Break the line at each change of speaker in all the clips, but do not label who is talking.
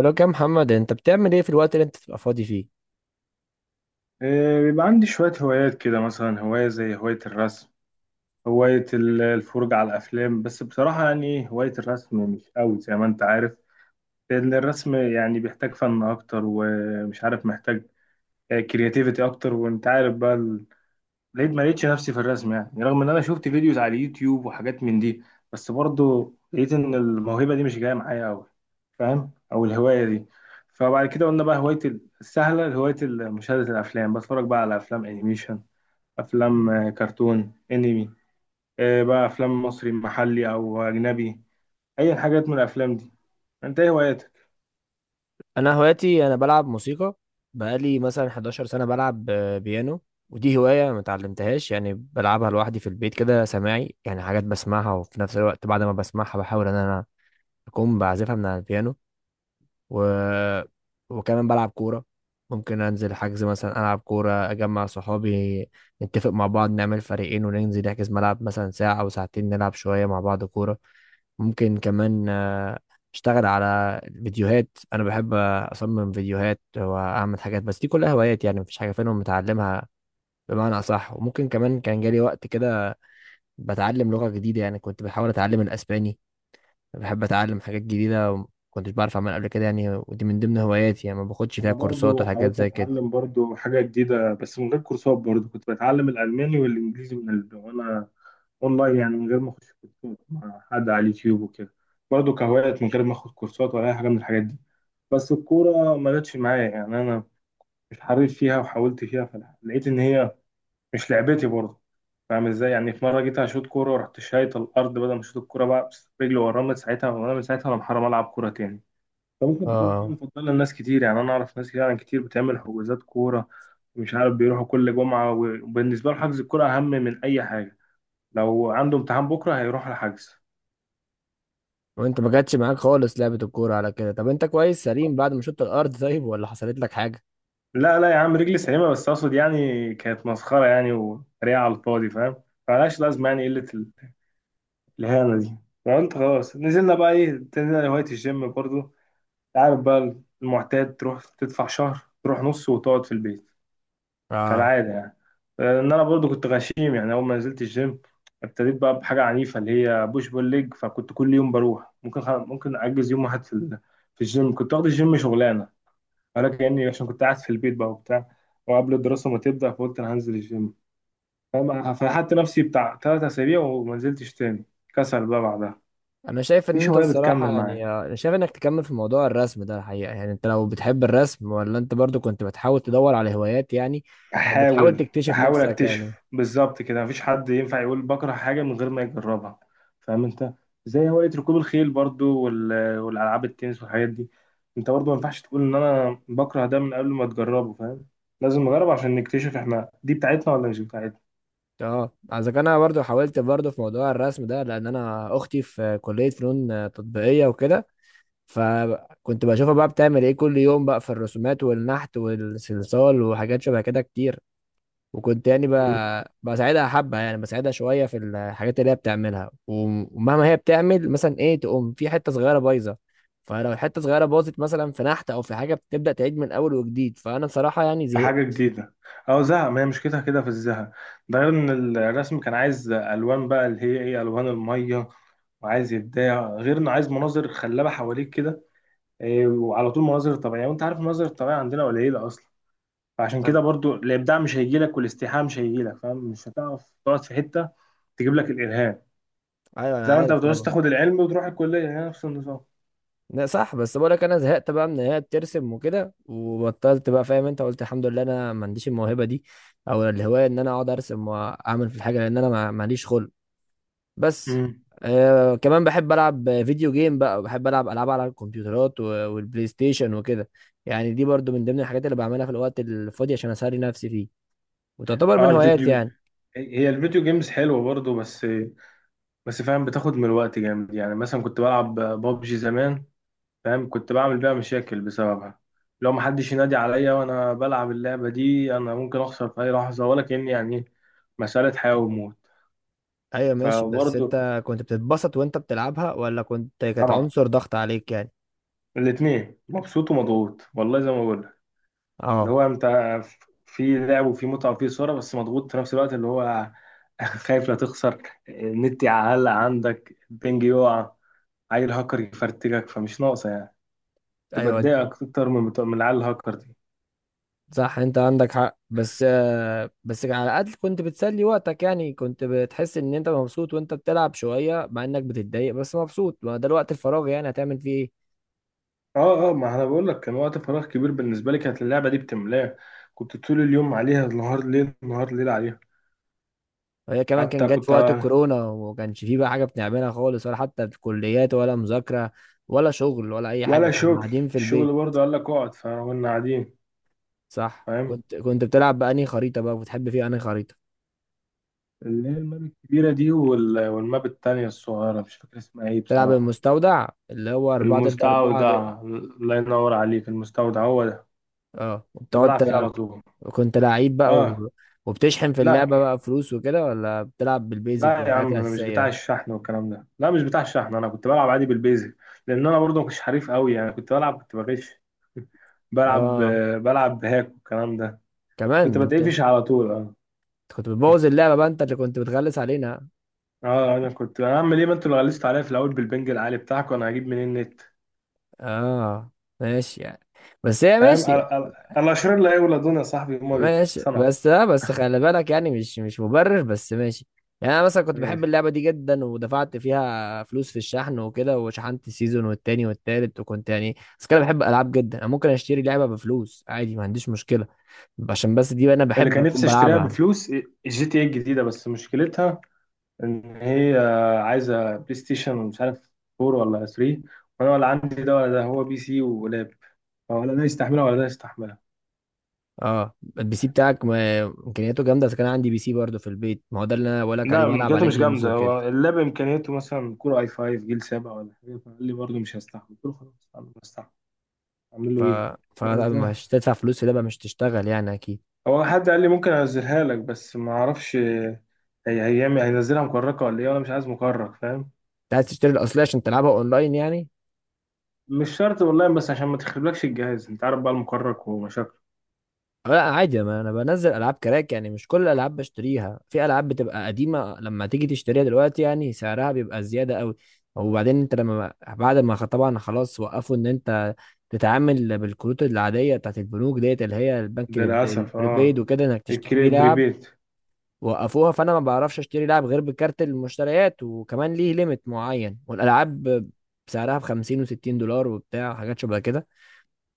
بقولك يا محمد، انت بتعمل ايه في الوقت اللي انت بتبقى فاضي فيه؟
بيبقى عندي شوية هوايات كده، مثلا هواية زي هواية الرسم، هواية الفرجة على الأفلام. بس بصراحة يعني هواية الرسم مش قوي زي ما أنت عارف، لأن الرسم يعني بيحتاج فن أكتر، ومش عارف محتاج كرياتيفيتي أكتر. وأنت عارف بقى لقيت ما لقيتش نفسي في الرسم، يعني رغم إن أنا شفت فيديوز على اليوتيوب وحاجات من دي، بس برضه لقيت إن الموهبة دي مش جاية معايا قوي، فاهم؟ أو الهواية دي. فبعد كده قلنا بقى هواية السهلة، هواية مشاهدة الأفلام. بتفرج بقى على أفلام أنيميشن، افلام، كرتون انمي، بقى افلام مصري محلي او اجنبي، اي حاجات من الافلام دي. انت ايه هواياتك؟
انا هواياتي، انا بلعب موسيقى. بقالي مثلا 11 سنة بلعب بيانو. ودي هواية ما اتعلمتهاش، يعني بلعبها لوحدي في البيت كده سماعي، يعني حاجات بسمعها وفي نفس الوقت بعد ما بسمعها بحاول ان انا اكون بعزفها من على البيانو. و... وكمان بلعب كورة. ممكن انزل حجز مثلا العب كورة، اجمع صحابي، نتفق مع بعض نعمل فريقين وننزل نحجز ملعب مثلا ساعة او ساعتين، نلعب شوية مع بعض كورة. ممكن كمان اشتغل على فيديوهات. انا بحب اصمم فيديوهات واعمل حاجات، بس دي كلها هوايات يعني مفيش حاجه فيهم متعلمها بمعنى اصح. وممكن كمان كان جالي وقت كده بتعلم لغه جديده، يعني كنت بحاول اتعلم الاسباني. بحب اتعلم حاجات جديده وما كنتش بعرف اعملها قبل كده، يعني ودي من ضمن هواياتي يعني ما باخدش فيها
انا
كورسات
برضو
وحاجات
حاولت
زي كده.
اتعلم برضو حاجه جديده بس من غير كورسات، برضو كنت بتعلم الالماني والانجليزي وانا اونلاين يعني، من غير ما اخش كورسات مع حد، على اليوتيوب وكده، برضو كهوايات، من غير ما اخد كورسات ولا اي حاجه من الحاجات دي. بس الكوره ما جاتش معايا يعني، انا مش حريف فيها، وحاولت فيها فلقيت ان هي مش لعبتي برضه. فاهم ازاي؟ يعني في مره جيت هشوط كوره ورحت شايط الارض بدل ما اشوط الكوره بقى، بس رجلي ورا من ساعتها، وانا من ساعتها انا محرم العب كوره تاني. فممكن تكون هوايه
اه،
مفضله لناس كتير، يعني انا اعرف ناس يعني كتير بتعمل حجوزات كوره، مش عارف، بيروحوا كل جمعه، وبالنسبه له حجز الكوره اهم من اي حاجه، لو عنده امتحان بكره هيروح الحجز.
وانت ما جاتش معاك خالص لعبه الكوره على كده؟ طب انت كويس سليم بعد ما شطت الارض، طيب ولا حصلت لك حاجه؟
لا لا يا عم، رجلي سليمه، بس اقصد يعني كانت مسخره يعني، وطريقه على الفاضي، فاهم؟ فمالهاش لازمه، يعني قله الاهانه دي. فقلت خلاص، نزلنا بقى ايه، تنزل هوايه الجيم برضو، عارف بقى، المعتاد، تروح تدفع شهر، تروح نص وتقعد في البيت،
اه،
كالعادة يعني. ان انا برضو كنت غشيم يعني، اول ما نزلت الجيم ابتديت بقى بحاجة عنيفة اللي هي بوش بول ليج، فكنت كل يوم بروح، ممكن ممكن اجز يوم واحد في في الجيم، كنت واخد الجيم شغلانة، ولكن يعني عشان كنت قاعد في البيت بقى وبتاع، وقبل الدراسة ما تبدأ فقلت انا هنزل الجيم، فاهم؟ فلحقت نفسي بتاع ثلاث اسابيع وما نزلتش تاني، كسل بقى بعدها.
انا شايف ان
مفيش
انت
هواية بتكمل
الصراحه، يعني
معايا،
انا شايف انك تكمل في موضوع الرسم ده الحقيقه. يعني انت لو بتحب الرسم، ولا انت برضو كنت بتحاول تدور على هوايات يعني، او بتحاول
بحاول
تكتشف
بحاول
نفسك يعني.
اكتشف بالظبط كده، مفيش حد ينفع يقول بكره حاجه من غير ما يجربها، فاهم انت؟ زي هوايه ركوب الخيل برضو والالعاب التنس والحاجات دي، انت برضو ما ينفعش تقول ان انا بكره ده من قبل ما تجربه، فاهم؟ لازم نجرب عشان نكتشف احنا دي بتاعتنا ولا مش بتاعتنا.
اه، اذا كان انا برضو حاولت برضو في موضوع الرسم ده لان انا اختي في كليه فنون تطبيقيه وكده. فكنت بشوفها بقى بتعمل ايه كل يوم بقى في الرسومات والنحت والصلصال وحاجات شبه كده كتير. وكنت يعني
مم.
بساعدها حبة، يعني بساعدها شوية في الحاجات اللي هي بتعملها ومهما هي بتعمل مثلا ايه تقوم في حتة صغيرة بايظة. فلو الحتة صغيرة باظت مثلا في نحت أو في حاجة، بتبدأ تعيد من أول وجديد. فأنا بصراحة يعني
في حاجه
زهقت.
جديده، او زهق، ما هي مشكلتها كده في الزهق، ده غير ان الرسم كان عايز الوان بقى اللي هي ايه، الوان الميه، وعايز يبدع، غير انه عايز مناظر خلابه حواليك كده، وعلى طول مناظر طبيعية، وانت عارف المناظر الطبيعية عندنا قليلة اصلا، فعشان كده
أم-
برضو الابداع مش هيجي لك، والاستيحاء مش هيجي لك، فاهم؟ مش هتعرف تقعد في حتة تجيب لك الالهام،
أيوة
زي
أنا
ما انت
عارف
بتعوز
طبعا.
تاخد العلم وتروح الكلية، هي نفس النظام.
لا صح، بس بقولك أنا زهقت بقى من إن هي بترسم وكده، وبطلت بقى فاهم. أنت قلت الحمد لله أنا ما عنديش الموهبة دي أو الهواية إن أنا أقعد أرسم وأعمل في الحاجة، لأن أنا ماليش خلق بس.
امم
آه، كمان بحب العب فيديو جيم بقى، بحب العب العاب على الكمبيوترات والبلاي ستيشن وكده. يعني دي برضو من ضمن الحاجات اللي بعملها في الوقت الفاضي عشان اسلي نفسي فيه، وتعتبر
اه،
من هواياتي
الفيديو،
يعني.
هي الفيديو جيمز حلوة برضو، بس فاهم بتاخد من الوقت جامد، يعني مثلا كنت بلعب بابجي زمان، فاهم، كنت بعمل بيها مشاكل بسببها، لو محدش ينادي عليا وانا بلعب اللعبة دي انا ممكن اخسر في اي لحظة، ولا كأني يعني مسألة حياة وموت.
ايوه ماشي، بس
فبرضه،
انت كنت بتتبسط وانت بتلعبها، ولا كنت كانت
طبعا،
عنصر ضغط عليك يعني؟
الاثنين مبسوط ومضغوط، والله زي ما بقول لك، اللي
اه
هو انت في لعب وفي متعه وفي صوره، بس مضغوط في نفس الوقت اللي هو خايف لا تخسر، النت يعلق عندك، البنج يقع، عيل هاكر يفرتكك، فمش ناقصه يعني، تبقى
ايوه
تضايقك اكتر من بتوع من العيال الهاكر دي.
صح، انت عندك حق. بس آه، بس على الاقل كنت بتسلي وقتك، يعني كنت بتحس ان انت مبسوط وانت بتلعب شويه، مع انك بتتضايق بس مبسوط. ما ده الوقت الفراغ يعني هتعمل فيه ايه؟
اه اه ما انا بقول لك، كان وقت فراغ كبير بالنسبه لي، كانت اللعبه دي بتملاه، كنت طول اليوم عليها، النهار ليل نهار ليل عليها،
وهي كمان كان
حتى
جت في
كنت،
وقت الكورونا، وما كانش فيه بقى حاجة بنعملها خالص ولا حتى في كليات ولا مذاكرة ولا شغل ولا أي
ولا
حاجة، كنا
شغل،
قاعدين في
الشغل
البيت.
برضه قال لك اقعد فكنا قاعدين.
صح.
فاهم،
كنت بتلعب بأنهي خريطة بقى؟ بتحب فيها أنهي خريطة؟
اللي هي الماب الكبيرة دي والماب التانية الصغيرة، مش فاكر اسمها ايه
تلعب
بصراحة.
المستودع اللي هو أربعة ضد أربعة ده؟
المستودع، الله ينور عليك، المستودع هو ده،
اه،
كنت
وبتقعد
بلعب فيه على
تلعب.
طول.
كنت لعيب بقى
اه،
وبتشحن في
لا
اللعبة بقى فلوس وكده، ولا بتلعب بالبيزك
لا يا
بالحاجات
عم، انا مش بتاع
الأساسية؟
الشحن والكلام ده، لا مش بتاع الشحن، انا كنت بلعب عادي بالبيزك، لان انا برضه مش حريف قوي يعني، كنت بلعب كنت بغش. بلعب،
اه،
بلعب بهاك والكلام ده. كنت
كمان أنت
بتقفش على طول، اه.
كنت بتبوظ اللعبة بقى، انت اللي كنت بتغلس علينا.
اه انا كنت اعمل ايه، ما انتوا اللي غلستوا عليا في الاول بالبنج العالي بتاعك، وانا هجيب منين النت؟
اه ماشي يعني، بس هي
فاهم،
ماشي.
الاشرار لا يولدون يا صاحبي، هما
ماشي
بيتصنعوا.
بس لا، بس خلي بالك يعني، مش مبرر، بس ماشي. يعني انا مثلا كنت
ماشي،
بحب اللعبه دي جدا، ودفعت فيها فلوس في الشحن وكده، وشحنت السيزون والتاني والتالت، وكنت يعني بس كده بحب العاب جدا. انا ممكن اشتري لعبه بفلوس عادي، ما عنديش مشكله عشان بس دي انا
اللي
بحب
كان
اكون
نفسي اشتريها
بلعبها.
بفلوس الجي تي اي الجديده، بس مشكلتها ان هي عايزه بلاي ستيشن مش عارف 4 ولا 3، وانا ولا عندي ده ولا ده، هو بي سي ولاب، ولا ده يستحملها ولا ده يستحملها.
اه، البي سي بتاعك امكانياته جامده. اذا كان عندي بي سي برضه في البيت، ما هو ده اللي انا بقول لك
لا،
عليه، بلعب
امكانياته
عليه
مش
جيمز
جامده،
وكده.
هو اللاب امكانياته مثلا كور اي 5 جيل 7 ولا حاجه، فقال لي برضه مش هستحمل، قلت له خلاص انا مش هستحمل، اعمل
ف
له ايه؟ يعني ده-
فمش تدفع فلوس في لعبه مش تشتغل يعني، اكيد.
هو حد قال لي ممكن انزلها لك، بس ما اعرفش هي هيعمل هينزلها مكركة ولا ايه، وانا مش عايز مكرك، فاهم،
انت عايز تشتري الاصليه عشان تلعبها اونلاين يعني؟
مش شرط والله، بس عشان ما تخربلكش الجهاز، انت عارف بقى المكرك ومشاكله.
لا عادي، ما انا بنزل العاب كراك. يعني مش كل الالعاب بشتريها، في العاب بتبقى قديمه لما تيجي تشتريها دلوقتي يعني سعرها بيبقى زياده قوي. وبعدين انت لما بعد ما طبعا خلاص، وقفوا ان انت تتعامل بالكروت العاديه بتاعت البنوك ديت، اللي هي البنك
للأسف
البريبايد
اه،
وكده، انك تشتري
الكري
بيه لعب.
بريبيت.
وقفوها، فانا ما بعرفش اشتري لعب غير بكارت المشتريات، وكمان ليه ليميت معين. والالعاب سعرها ب 50 و60 دولار وبتاع حاجات شبه كده.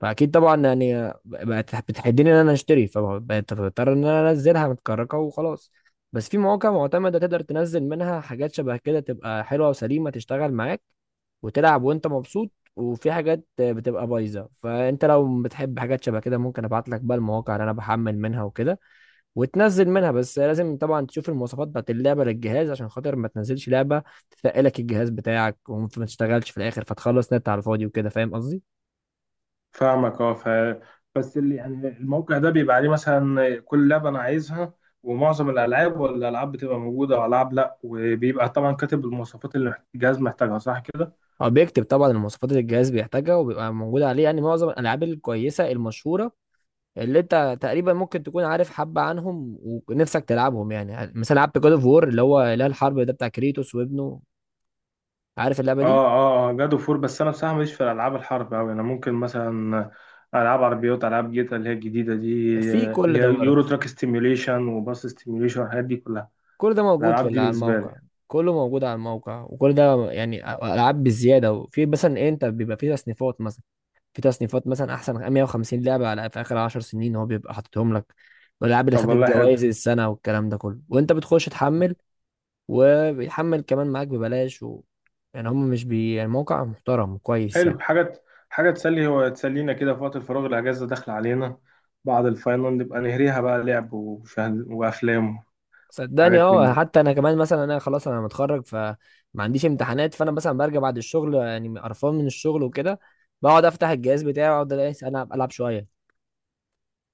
فاكيد طبعا، يعني بقت بتحدني ان انا اشتري، فبقيت بضطر ان انا انزلها متكركه وخلاص. بس في مواقع معتمده تقدر تنزل منها حاجات شبه كده، تبقى حلوه وسليمه تشتغل معاك وتلعب وانت مبسوط. وفي حاجات بتبقى بايظه. فانت لو بتحب حاجات شبه كده، ممكن ابعت لك بقى المواقع اللي انا بحمل منها وكده، وتنزل منها. بس لازم طبعا تشوف المواصفات بتاعت اللعبه للجهاز، عشان خاطر ما تنزلش لعبه تثقلك الجهاز بتاعك وما تشتغلش في الاخر، فتخلص نت على الفاضي وكده، فاهم قصدي.
فاهمك، اه، بس اللي يعني الموقع ده بيبقى عليه مثلا كل لعبة انا عايزها، ومعظم الألعاب ولا الألعاب بتبقى موجودة، وألعاب لأ، وبيبقى طبعا كاتب المواصفات اللي الجهاز محتاجها، صح كده؟
هو بيكتب طبعا المواصفات اللي الجهاز بيحتاجها، وبيبقى موجودة عليه يعني معظم الألعاب الكويسة المشهورة اللي أنت تقريبا ممكن تكون عارف حبة عنهم ونفسك تلعبهم. يعني مثلا لعبت جود أوف وور، اللي هو إله الحرب ده بتاع كريتوس وابنه، عارف اللعبة
اه
دي؟
اه اه جاد اوف وور، بس انا بصراحه ماليش في الالعاب الحرب اوي، انا ممكن مثلا العاب عربيات، العاب جيتا اللي هي الجديده دي،
في
اللي
كل
هي
ده
يورو
برضه.
تراك ستيميوليشن وباص ستيميوليشن والحاجات دي كلها،
كل ده موجود في
الالعاب دي
على
بالنسبه لي.
الموقع. كله موجود على الموقع. وكل ده يعني ألعاب بالزيادة، وفي مثلا إيه، أنت بيبقى فيه تصنيفات مثلا. في تصنيفات مثلا احسن 150 لعبه على في اخر 10 سنين، هو بيبقى حاططهم لك. والالعاب اللي
طب
خدت
والله حلو،
جوائز السنه والكلام ده كله، وانت بتخش تحمل. وبيحمل كمان معاك ببلاش يعني هم مش بي، يعني موقع محترم كويس يعني.
حلو حاجه، حاجه تسلي، هو تسلينا كده في وقت الفراغ، الاجازه داخله علينا، بعد الفاينل نبقى نهريها بقى لعب ومشاهد وافلام
صدقني
وحاجات من
اه،
دي.
حتى انا كمان مثلا، انا خلاص انا متخرج، فما عنديش امتحانات. فانا مثلا برجع بعد الشغل يعني قرفان من الشغل وكده، بقعد افتح الجهاز بتاعي واقعد الاقي العب العب شويه.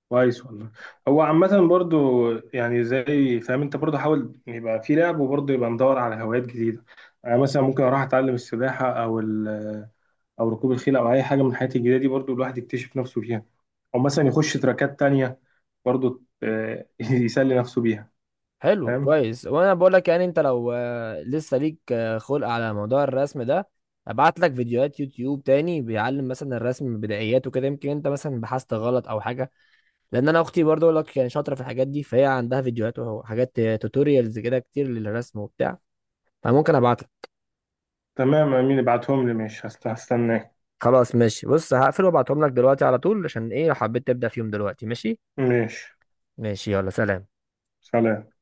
كويس والله، هو عامة برضو، يعني زي فاهم، انت برضو حاول يبقى في لعب، وبرضو يبقى مدور على هوايات جديدة، انا مثلا ممكن اروح اتعلم السباحة او او ركوب الخيل او اي حاجة من الحاجات الجديدة دي، برضو الواحد يكتشف نفسه فيها، او مثلا يخش تراكات تانية برضو، يسلي نفسه بيها.
حلو
فاهم،
كويس. وانا بقول لك يعني انت لو لسه ليك خلق على موضوع الرسم ده، ابعت لك فيديوهات يوتيوب تاني بيعلم مثلا الرسم بدايات وكده. يمكن انت مثلا بحثت غلط او حاجه، لان انا اختي برضو اقول لك كانت شاطره في الحاجات دي، فهي عندها فيديوهات وحاجات توتوريالز كده كتير للرسم وبتاع، فممكن ابعت لك.
تمام امين، ابعتهم لي، ماشي، هستناك.
خلاص ماشي، بص هقفل وابعتهم لك دلوقتي على طول، عشان ايه لو حبيت تبدا فيهم دلوقتي. ماشي
ماشي،
ماشي، يلا سلام.
سلام.